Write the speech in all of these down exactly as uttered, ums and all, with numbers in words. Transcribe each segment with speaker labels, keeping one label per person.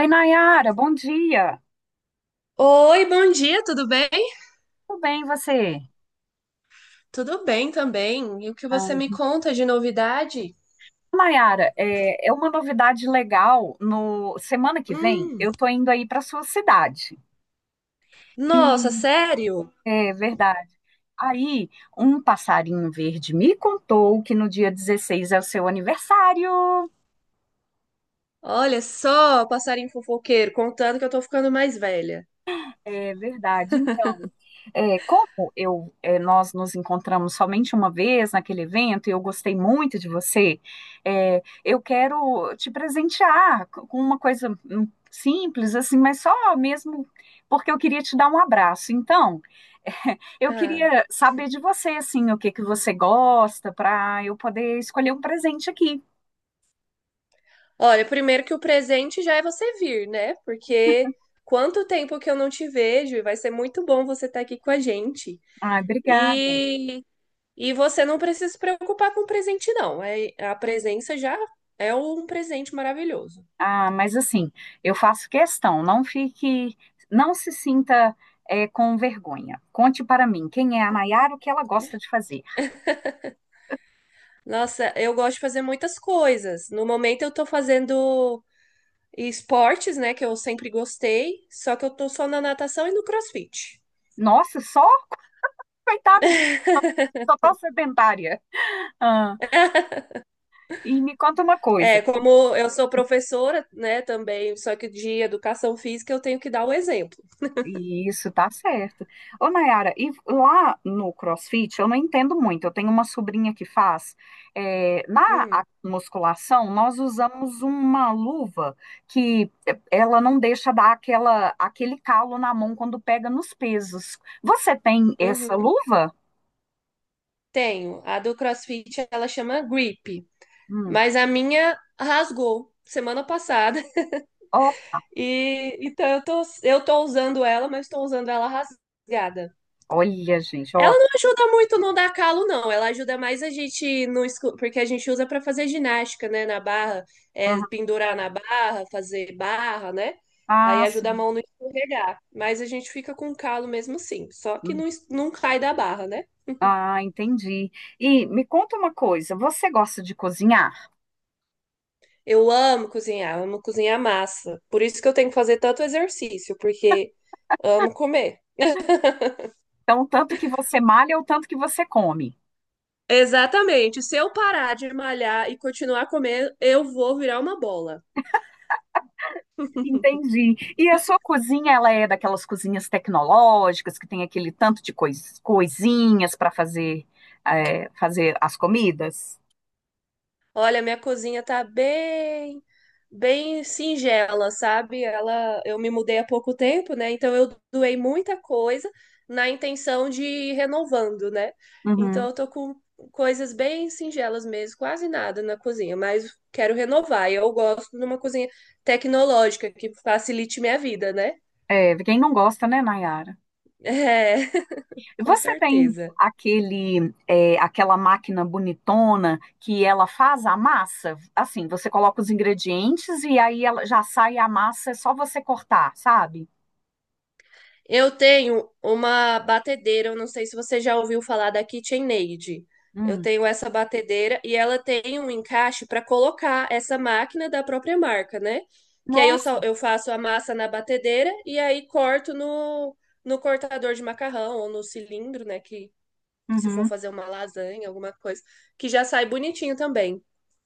Speaker 1: Oi, Nayara, bom dia.
Speaker 2: Oi, bom dia, tudo bem?
Speaker 1: Tudo bem, e você?
Speaker 2: Tudo bem também. E o que
Speaker 1: Ah,
Speaker 2: você me conta de novidade?
Speaker 1: Nayara, é, é uma novidade legal. No semana que vem,
Speaker 2: Hum,
Speaker 1: eu tô indo aí para sua cidade. E
Speaker 2: nossa, sério?
Speaker 1: é verdade. Aí, um passarinho verde me contou que no dia dezesseis é o seu aniversário.
Speaker 2: Olha só, passarinho fofoqueiro, contando que eu tô ficando mais velha.
Speaker 1: É verdade. Então, é, como eu, é, nós nos encontramos somente uma vez naquele evento e eu gostei muito de você. É, eu quero te presentear co- com uma coisa hum, simples, assim, mas só mesmo porque eu queria te dar um abraço. Então, eu
Speaker 2: Ah,
Speaker 1: queria saber de você, assim, o que que você gosta, para eu poder escolher um presente aqui.
Speaker 2: olha, primeiro que o presente já é você vir, né? Porque quanto tempo que eu não te vejo e vai ser muito bom você estar aqui com a gente.
Speaker 1: Ai, obrigada.
Speaker 2: E, e você não precisa se preocupar com o presente, não. É, a presença já é um presente maravilhoso.
Speaker 1: Ah, mas assim, eu faço questão. Não fique, não se sinta eh, com vergonha. Conte para mim quem é a Nayara, o que ela gosta de fazer.
Speaker 2: Nossa, eu gosto de fazer muitas coisas. No momento eu tô fazendo esportes, né, que eu sempre gostei, só que eu tô só na natação e no CrossFit.
Speaker 1: Nossa, só coitada de mim, sou tão sedentária. Ah, e me conta uma
Speaker 2: É,
Speaker 1: coisa.
Speaker 2: como eu sou professora, né, também, só que de educação física eu tenho que dar o exemplo.
Speaker 1: Isso, tá certo. Ô, Nayara, e lá no CrossFit, eu não entendo muito. Eu tenho uma sobrinha que faz. é, na a-
Speaker 2: Hum,
Speaker 1: musculação, nós usamos uma luva que é, ela não deixa dar aquela, aquele calo na mão quando pega nos pesos. Você tem essa
Speaker 2: uhum,
Speaker 1: luva?
Speaker 2: tenho. A do CrossFit, ela chama Grip,
Speaker 1: Hum.
Speaker 2: mas a minha rasgou semana passada.
Speaker 1: Ó,
Speaker 2: E então eu tô, eu tô usando ela, mas tô usando ela rasgada.
Speaker 1: olha, gente,
Speaker 2: Ela
Speaker 1: ó.
Speaker 2: não ajuda muito no dar calo, não. Ela ajuda mais a gente no escu- porque a gente usa para fazer ginástica, né? Na barra, é,
Speaker 1: Aham.
Speaker 2: pendurar na barra, fazer barra, né? Aí
Speaker 1: Ah,
Speaker 2: ajuda a
Speaker 1: sim.
Speaker 2: mão não escorregar. Mas a gente fica com calo mesmo assim. Só que
Speaker 1: Hum.
Speaker 2: não, es- não cai da barra, né?
Speaker 1: Ah, entendi. E me conta uma coisa, você gosta de cozinhar?
Speaker 2: Eu amo cozinhar, amo cozinhar massa. Por isso que eu tenho que fazer tanto exercício, porque amo comer.
Speaker 1: Então, tanto que você malha ou tanto que você come?
Speaker 2: Exatamente. Se eu parar de malhar e continuar a comer, eu vou virar uma bola.
Speaker 1: Entendi. E a sua cozinha, ela é daquelas cozinhas tecnológicas que tem aquele tanto de cois- coisinhas para fazer, é, fazer as comidas?
Speaker 2: Olha, minha cozinha tá bem, bem singela, sabe? Ela, eu me mudei há pouco tempo, né? Então eu doei muita coisa na intenção de ir renovando, né? Então
Speaker 1: Uhum.
Speaker 2: eu tô com coisas bem singelas mesmo, quase nada na cozinha, mas quero renovar. E eu gosto de uma cozinha tecnológica que facilite minha vida, né?
Speaker 1: É, quem não gosta, né, Nayara?
Speaker 2: É, com
Speaker 1: Você tem
Speaker 2: certeza.
Speaker 1: aquele é, aquela máquina bonitona que ela faz a massa? Assim, você coloca os ingredientes e aí ela já sai a massa, é só você cortar, sabe?
Speaker 2: Eu tenho uma batedeira, eu não sei se você já ouviu falar da KitchenAid. Eu
Speaker 1: Hum.
Speaker 2: tenho essa batedeira e ela tem um encaixe para colocar essa máquina da própria marca, né? Que aí eu
Speaker 1: Nossa.
Speaker 2: só eu faço a massa na batedeira e aí corto no, no cortador de macarrão ou no cilindro, né? Que se for
Speaker 1: Uhum.
Speaker 2: fazer uma lasanha, alguma coisa, que já sai bonitinho também.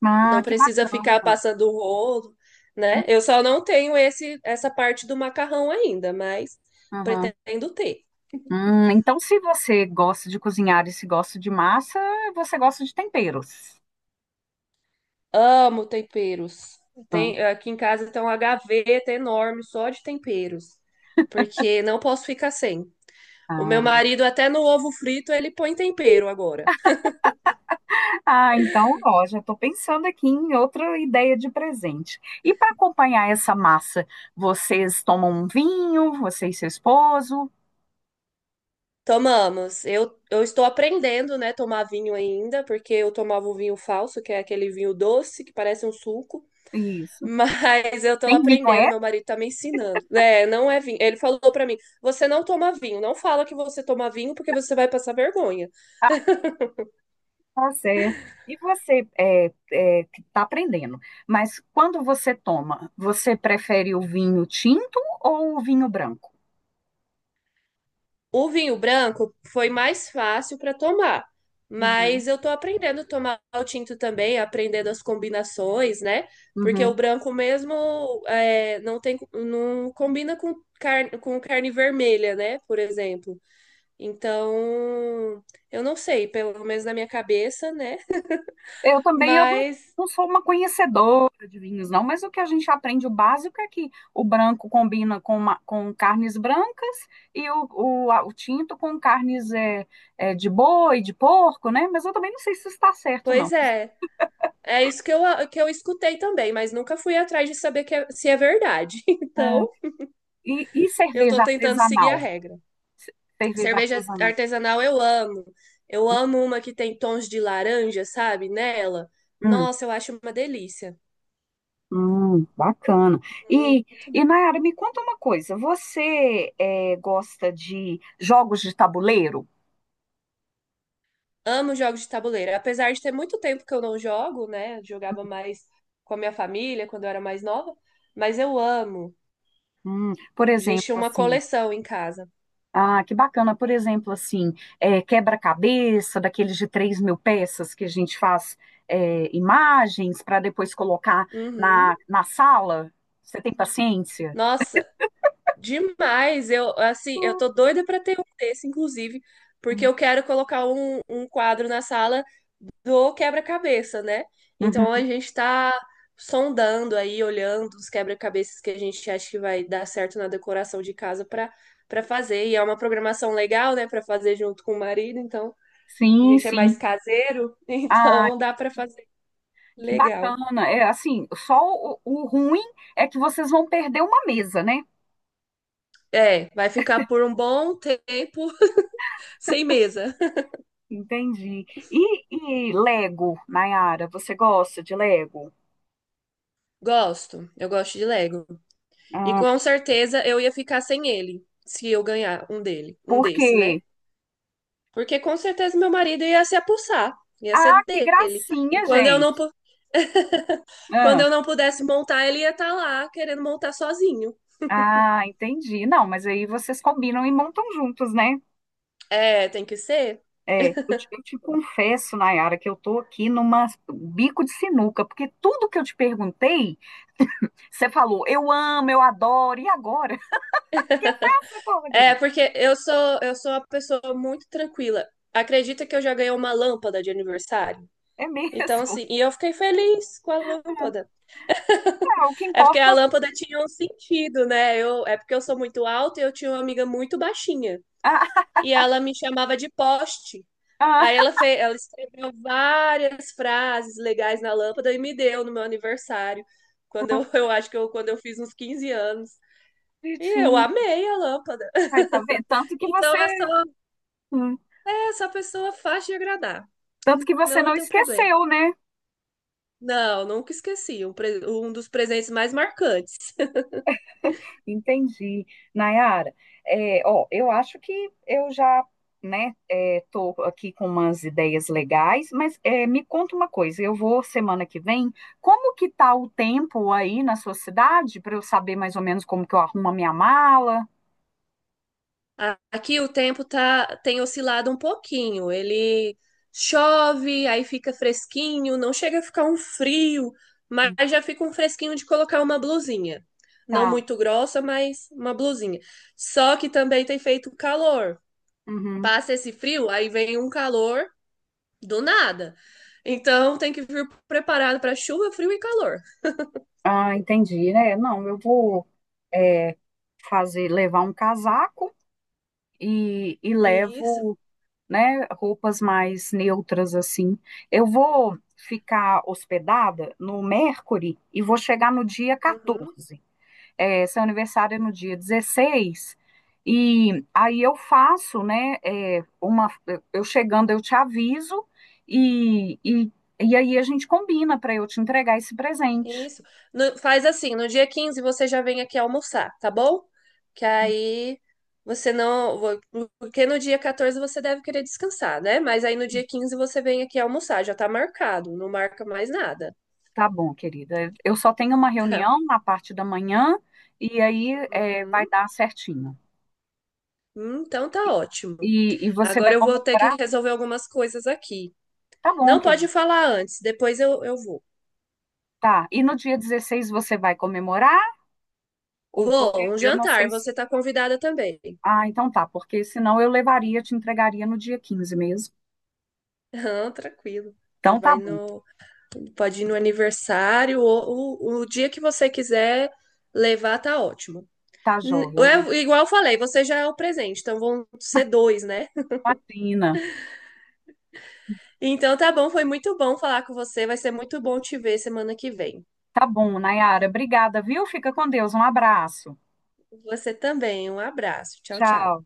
Speaker 1: Ah,
Speaker 2: Não
Speaker 1: que
Speaker 2: precisa ficar
Speaker 1: bacana.
Speaker 2: passando rolo, né? Eu só não tenho esse essa parte do macarrão ainda, mas
Speaker 1: Uhum.
Speaker 2: pretendo ter.
Speaker 1: Hum, então, se você gosta de cozinhar e se gosta de massa, você gosta de temperos.
Speaker 2: Amo temperos.
Speaker 1: Ah,
Speaker 2: Tem, aqui em casa tem uma gaveta enorme só de temperos, porque não posso ficar sem. O meu
Speaker 1: ah.
Speaker 2: marido até no ovo frito ele põe tempero agora.
Speaker 1: Ah, então, ó, já estou pensando aqui em outra ideia de presente. E para acompanhar essa massa, vocês tomam um vinho, você e seu esposo?
Speaker 2: Tomamos. Eu, eu estou aprendendo, né, tomar vinho ainda, porque eu tomava o vinho falso, que é aquele vinho doce que parece um suco.
Speaker 1: Isso.
Speaker 2: Mas eu tô
Speaker 1: Tem vinho,
Speaker 2: aprendendo,
Speaker 1: é?
Speaker 2: meu marido tá me ensinando. É, não é vinho. Ele falou pra mim: você não toma vinho, não fala que você toma vinho porque você vai passar vergonha.
Speaker 1: Ah, tá certo. E você é, é, que está aprendendo, mas quando você toma, você prefere o vinho tinto ou o vinho branco?
Speaker 2: O vinho branco foi mais fácil pra tomar,
Speaker 1: Uhum.
Speaker 2: mas eu tô aprendendo a tomar o tinto também, aprendendo as combinações, né? Porque
Speaker 1: Uhum.
Speaker 2: o branco mesmo é, não tem, não combina com carne, com carne vermelha, né? Por exemplo. Então, eu não sei, pelo menos na minha cabeça, né?
Speaker 1: Eu também, eu não,
Speaker 2: Mas
Speaker 1: não sou uma conhecedora de vinhos, não, mas o que a gente aprende, o básico é que o branco combina com, uma- com carnes brancas, e o, o, a- o tinto com carnes é, é, de boi, de porco, né? Mas eu também não sei se isso está certo, não.
Speaker 2: Pois é. É isso que eu, que eu escutei também, mas nunca fui atrás de saber que é- se é verdade.
Speaker 1: É,
Speaker 2: Então,
Speaker 1: e, e
Speaker 2: eu
Speaker 1: cerveja
Speaker 2: tô tentando seguir
Speaker 1: artesanal?
Speaker 2: a regra.
Speaker 1: Cerveja
Speaker 2: Cerveja
Speaker 1: artesanal.
Speaker 2: artesanal eu amo. Eu amo uma que tem tons de laranja, sabe? Nela.
Speaker 1: Hum,
Speaker 2: Nossa, eu acho uma delícia.
Speaker 1: hum, bacana. E,
Speaker 2: Muito
Speaker 1: e
Speaker 2: bom.
Speaker 1: Nayara, me conta uma coisa, você é, gosta de jogos de tabuleiro?
Speaker 2: Amo jogos de tabuleiro. Apesar de ter muito tempo que eu não jogo, né? Jogava mais com a minha família quando eu era mais nova. Mas eu amo.
Speaker 1: Hum, por
Speaker 2: A gente
Speaker 1: exemplo,
Speaker 2: tinha uma
Speaker 1: assim.
Speaker 2: coleção em casa.
Speaker 1: Ah, que bacana. Por exemplo, assim, é, quebra-cabeça, daqueles de três mil peças que a gente faz, é, imagens para depois colocar
Speaker 2: Uhum.
Speaker 1: na, na sala. Você tem paciência?
Speaker 2: Nossa. Demais, eu assim, eu
Speaker 1: Uhum.
Speaker 2: tô doida pra ter um desse, inclusive, porque eu quero colocar um, um quadro na sala do quebra-cabeça, né? Então a
Speaker 1: Uhum.
Speaker 2: gente tá sondando aí, olhando os quebra-cabeças que a gente acha que vai dar certo na decoração de casa pra para fazer. E é uma programação legal, né, pra fazer junto com o marido, então a
Speaker 1: Sim,
Speaker 2: gente é mais
Speaker 1: sim.
Speaker 2: caseiro,
Speaker 1: Ah,
Speaker 2: então dá pra fazer
Speaker 1: que
Speaker 2: legal.
Speaker 1: bacana. É assim, só o, o ruim é que vocês vão perder uma mesa, né?
Speaker 2: É, vai ficar por um bom tempo sem mesa.
Speaker 1: Entendi. E, e Lego, Nayara, você gosta de Lego?
Speaker 2: Gosto, eu gosto de Lego. E
Speaker 1: Ah,
Speaker 2: com certeza eu ia ficar sem ele, se eu ganhar um dele, um
Speaker 1: por
Speaker 2: desse, né?
Speaker 1: quê?
Speaker 2: Porque com certeza meu marido ia se apossar, ia
Speaker 1: Ah,
Speaker 2: ser
Speaker 1: que
Speaker 2: dele. E
Speaker 1: gracinha,
Speaker 2: quando eu não,
Speaker 1: gente.
Speaker 2: pu- quando eu não pudesse montar, ele ia estar lá querendo montar sozinho.
Speaker 1: Ah, entendi. Não, mas aí vocês combinam e montam juntos, né?
Speaker 2: É, tem que ser.
Speaker 1: É, eu te, eu te confesso, Nayara, que eu tô aqui numa bico de sinuca, porque tudo que eu te perguntei, você falou, eu amo, eu adoro, e agora? O que eu faço? Eu
Speaker 2: É,
Speaker 1: "Gente,
Speaker 2: porque eu sou eu sou uma pessoa muito tranquila. Acredita que eu já ganhei uma lâmpada de aniversário?
Speaker 1: É
Speaker 2: Então,
Speaker 1: mesmo?
Speaker 2: assim, e eu fiquei feliz com a lâmpada.
Speaker 1: É, o que
Speaker 2: É porque
Speaker 1: importa.
Speaker 2: a lâmpada tinha um sentido, né? Eu, é porque eu sou muito alta e eu tinha uma amiga muito baixinha.
Speaker 1: Ah,
Speaker 2: E ela me chamava de poste.
Speaker 1: ah,
Speaker 2: Aí ela fez, ela escreveu várias frases legais na lâmpada e me deu no meu aniversário, quando eu, eu acho que eu, quando eu fiz uns quinze anos. E eu
Speaker 1: bonitinho.
Speaker 2: amei a lâmpada.
Speaker 1: Aí, tá vendo? Tanto que você,
Speaker 2: Então é só,
Speaker 1: hum,
Speaker 2: é só pessoa fácil de agradar.
Speaker 1: tanto que você
Speaker 2: Não
Speaker 1: não
Speaker 2: tem problema.
Speaker 1: esqueceu, né?
Speaker 2: Não, nunca esqueci. Um, pre- um dos presentes mais marcantes.
Speaker 1: Entendi. Nayara, é, ó, eu acho que eu já, né, é, tô aqui com umas ideias legais, mas é, me conta uma coisa, eu vou semana que vem, como que tá o tempo aí na sua cidade, para eu saber mais ou menos como que eu arrumo a minha mala?
Speaker 2: A- Aqui o tempo tá, tem oscilado um pouquinho. Ele chove, aí fica fresquinho, não chega a ficar um frio, mas já fica um fresquinho de colocar uma blusinha. Não
Speaker 1: Tá.
Speaker 2: muito grossa, mas uma blusinha. Só que também tem feito calor.
Speaker 1: Uhum.
Speaker 2: Passa esse frio, aí vem um calor do nada. Então tem que vir preparado para chuva, frio e calor.
Speaker 1: Ah, entendi, né? Não, eu vou é, fazer, levar um casaco, e, e
Speaker 2: Isso.
Speaker 1: levo, né, roupas mais neutras assim. Eu vou ficar hospedada no Mercury e vou chegar no dia
Speaker 2: Uhum.
Speaker 1: catorze. É, seu aniversário é no dia dezesseis. E aí eu faço, né, é, uma, eu chegando eu te aviso, e, e, e aí a gente combina para eu te entregar esse presente.
Speaker 2: Isso. No- faz assim, no dia quinze você já vem aqui almoçar, tá bom? Que aí você não. vo- porque no dia quatorze você deve querer descansar, né? Mas aí no dia quinze você vem aqui almoçar, já tá marcado, não marca mais nada.
Speaker 1: Tá bom, querida. Eu só tenho uma
Speaker 2: Tá.
Speaker 1: reunião na parte da manhã e aí, é, vai
Speaker 2: Uhum.
Speaker 1: dar certinho.
Speaker 2: Hum, então tá ótimo.
Speaker 1: E, e você vai
Speaker 2: Agora eu vou ter que
Speaker 1: comemorar?
Speaker 2: resolver algumas coisas aqui.
Speaker 1: Tá bom,
Speaker 2: Não pode
Speaker 1: querido.
Speaker 2: falar antes, depois eu, eu vou.
Speaker 1: Tá. E no dia dezesseis você vai comemorar? Ou porque
Speaker 2: Vou, um
Speaker 1: eu não
Speaker 2: jantar,
Speaker 1: sei se.
Speaker 2: você tá convidada também.
Speaker 1: Ah, então tá, porque senão eu levaria, te entregaria no dia quinze mesmo.
Speaker 2: Ah, tranquilo. Você
Speaker 1: Então tá
Speaker 2: vai
Speaker 1: bom,
Speaker 2: no. Pode ir no aniversário, ou o, o dia que você quiser levar, tá ótimo.
Speaker 1: tá
Speaker 2: N-
Speaker 1: joia, né?
Speaker 2: É, igual eu falei, você já é o presente, então vão ser dois, né?
Speaker 1: Imagina.
Speaker 2: Então tá bom, foi muito bom falar com você. Vai ser muito bom te ver semana que vem.
Speaker 1: Tá bom, Nayara. Obrigada, viu? Fica com Deus. Um abraço.
Speaker 2: Você também, um abraço. Tchau, tchau.
Speaker 1: Tchau.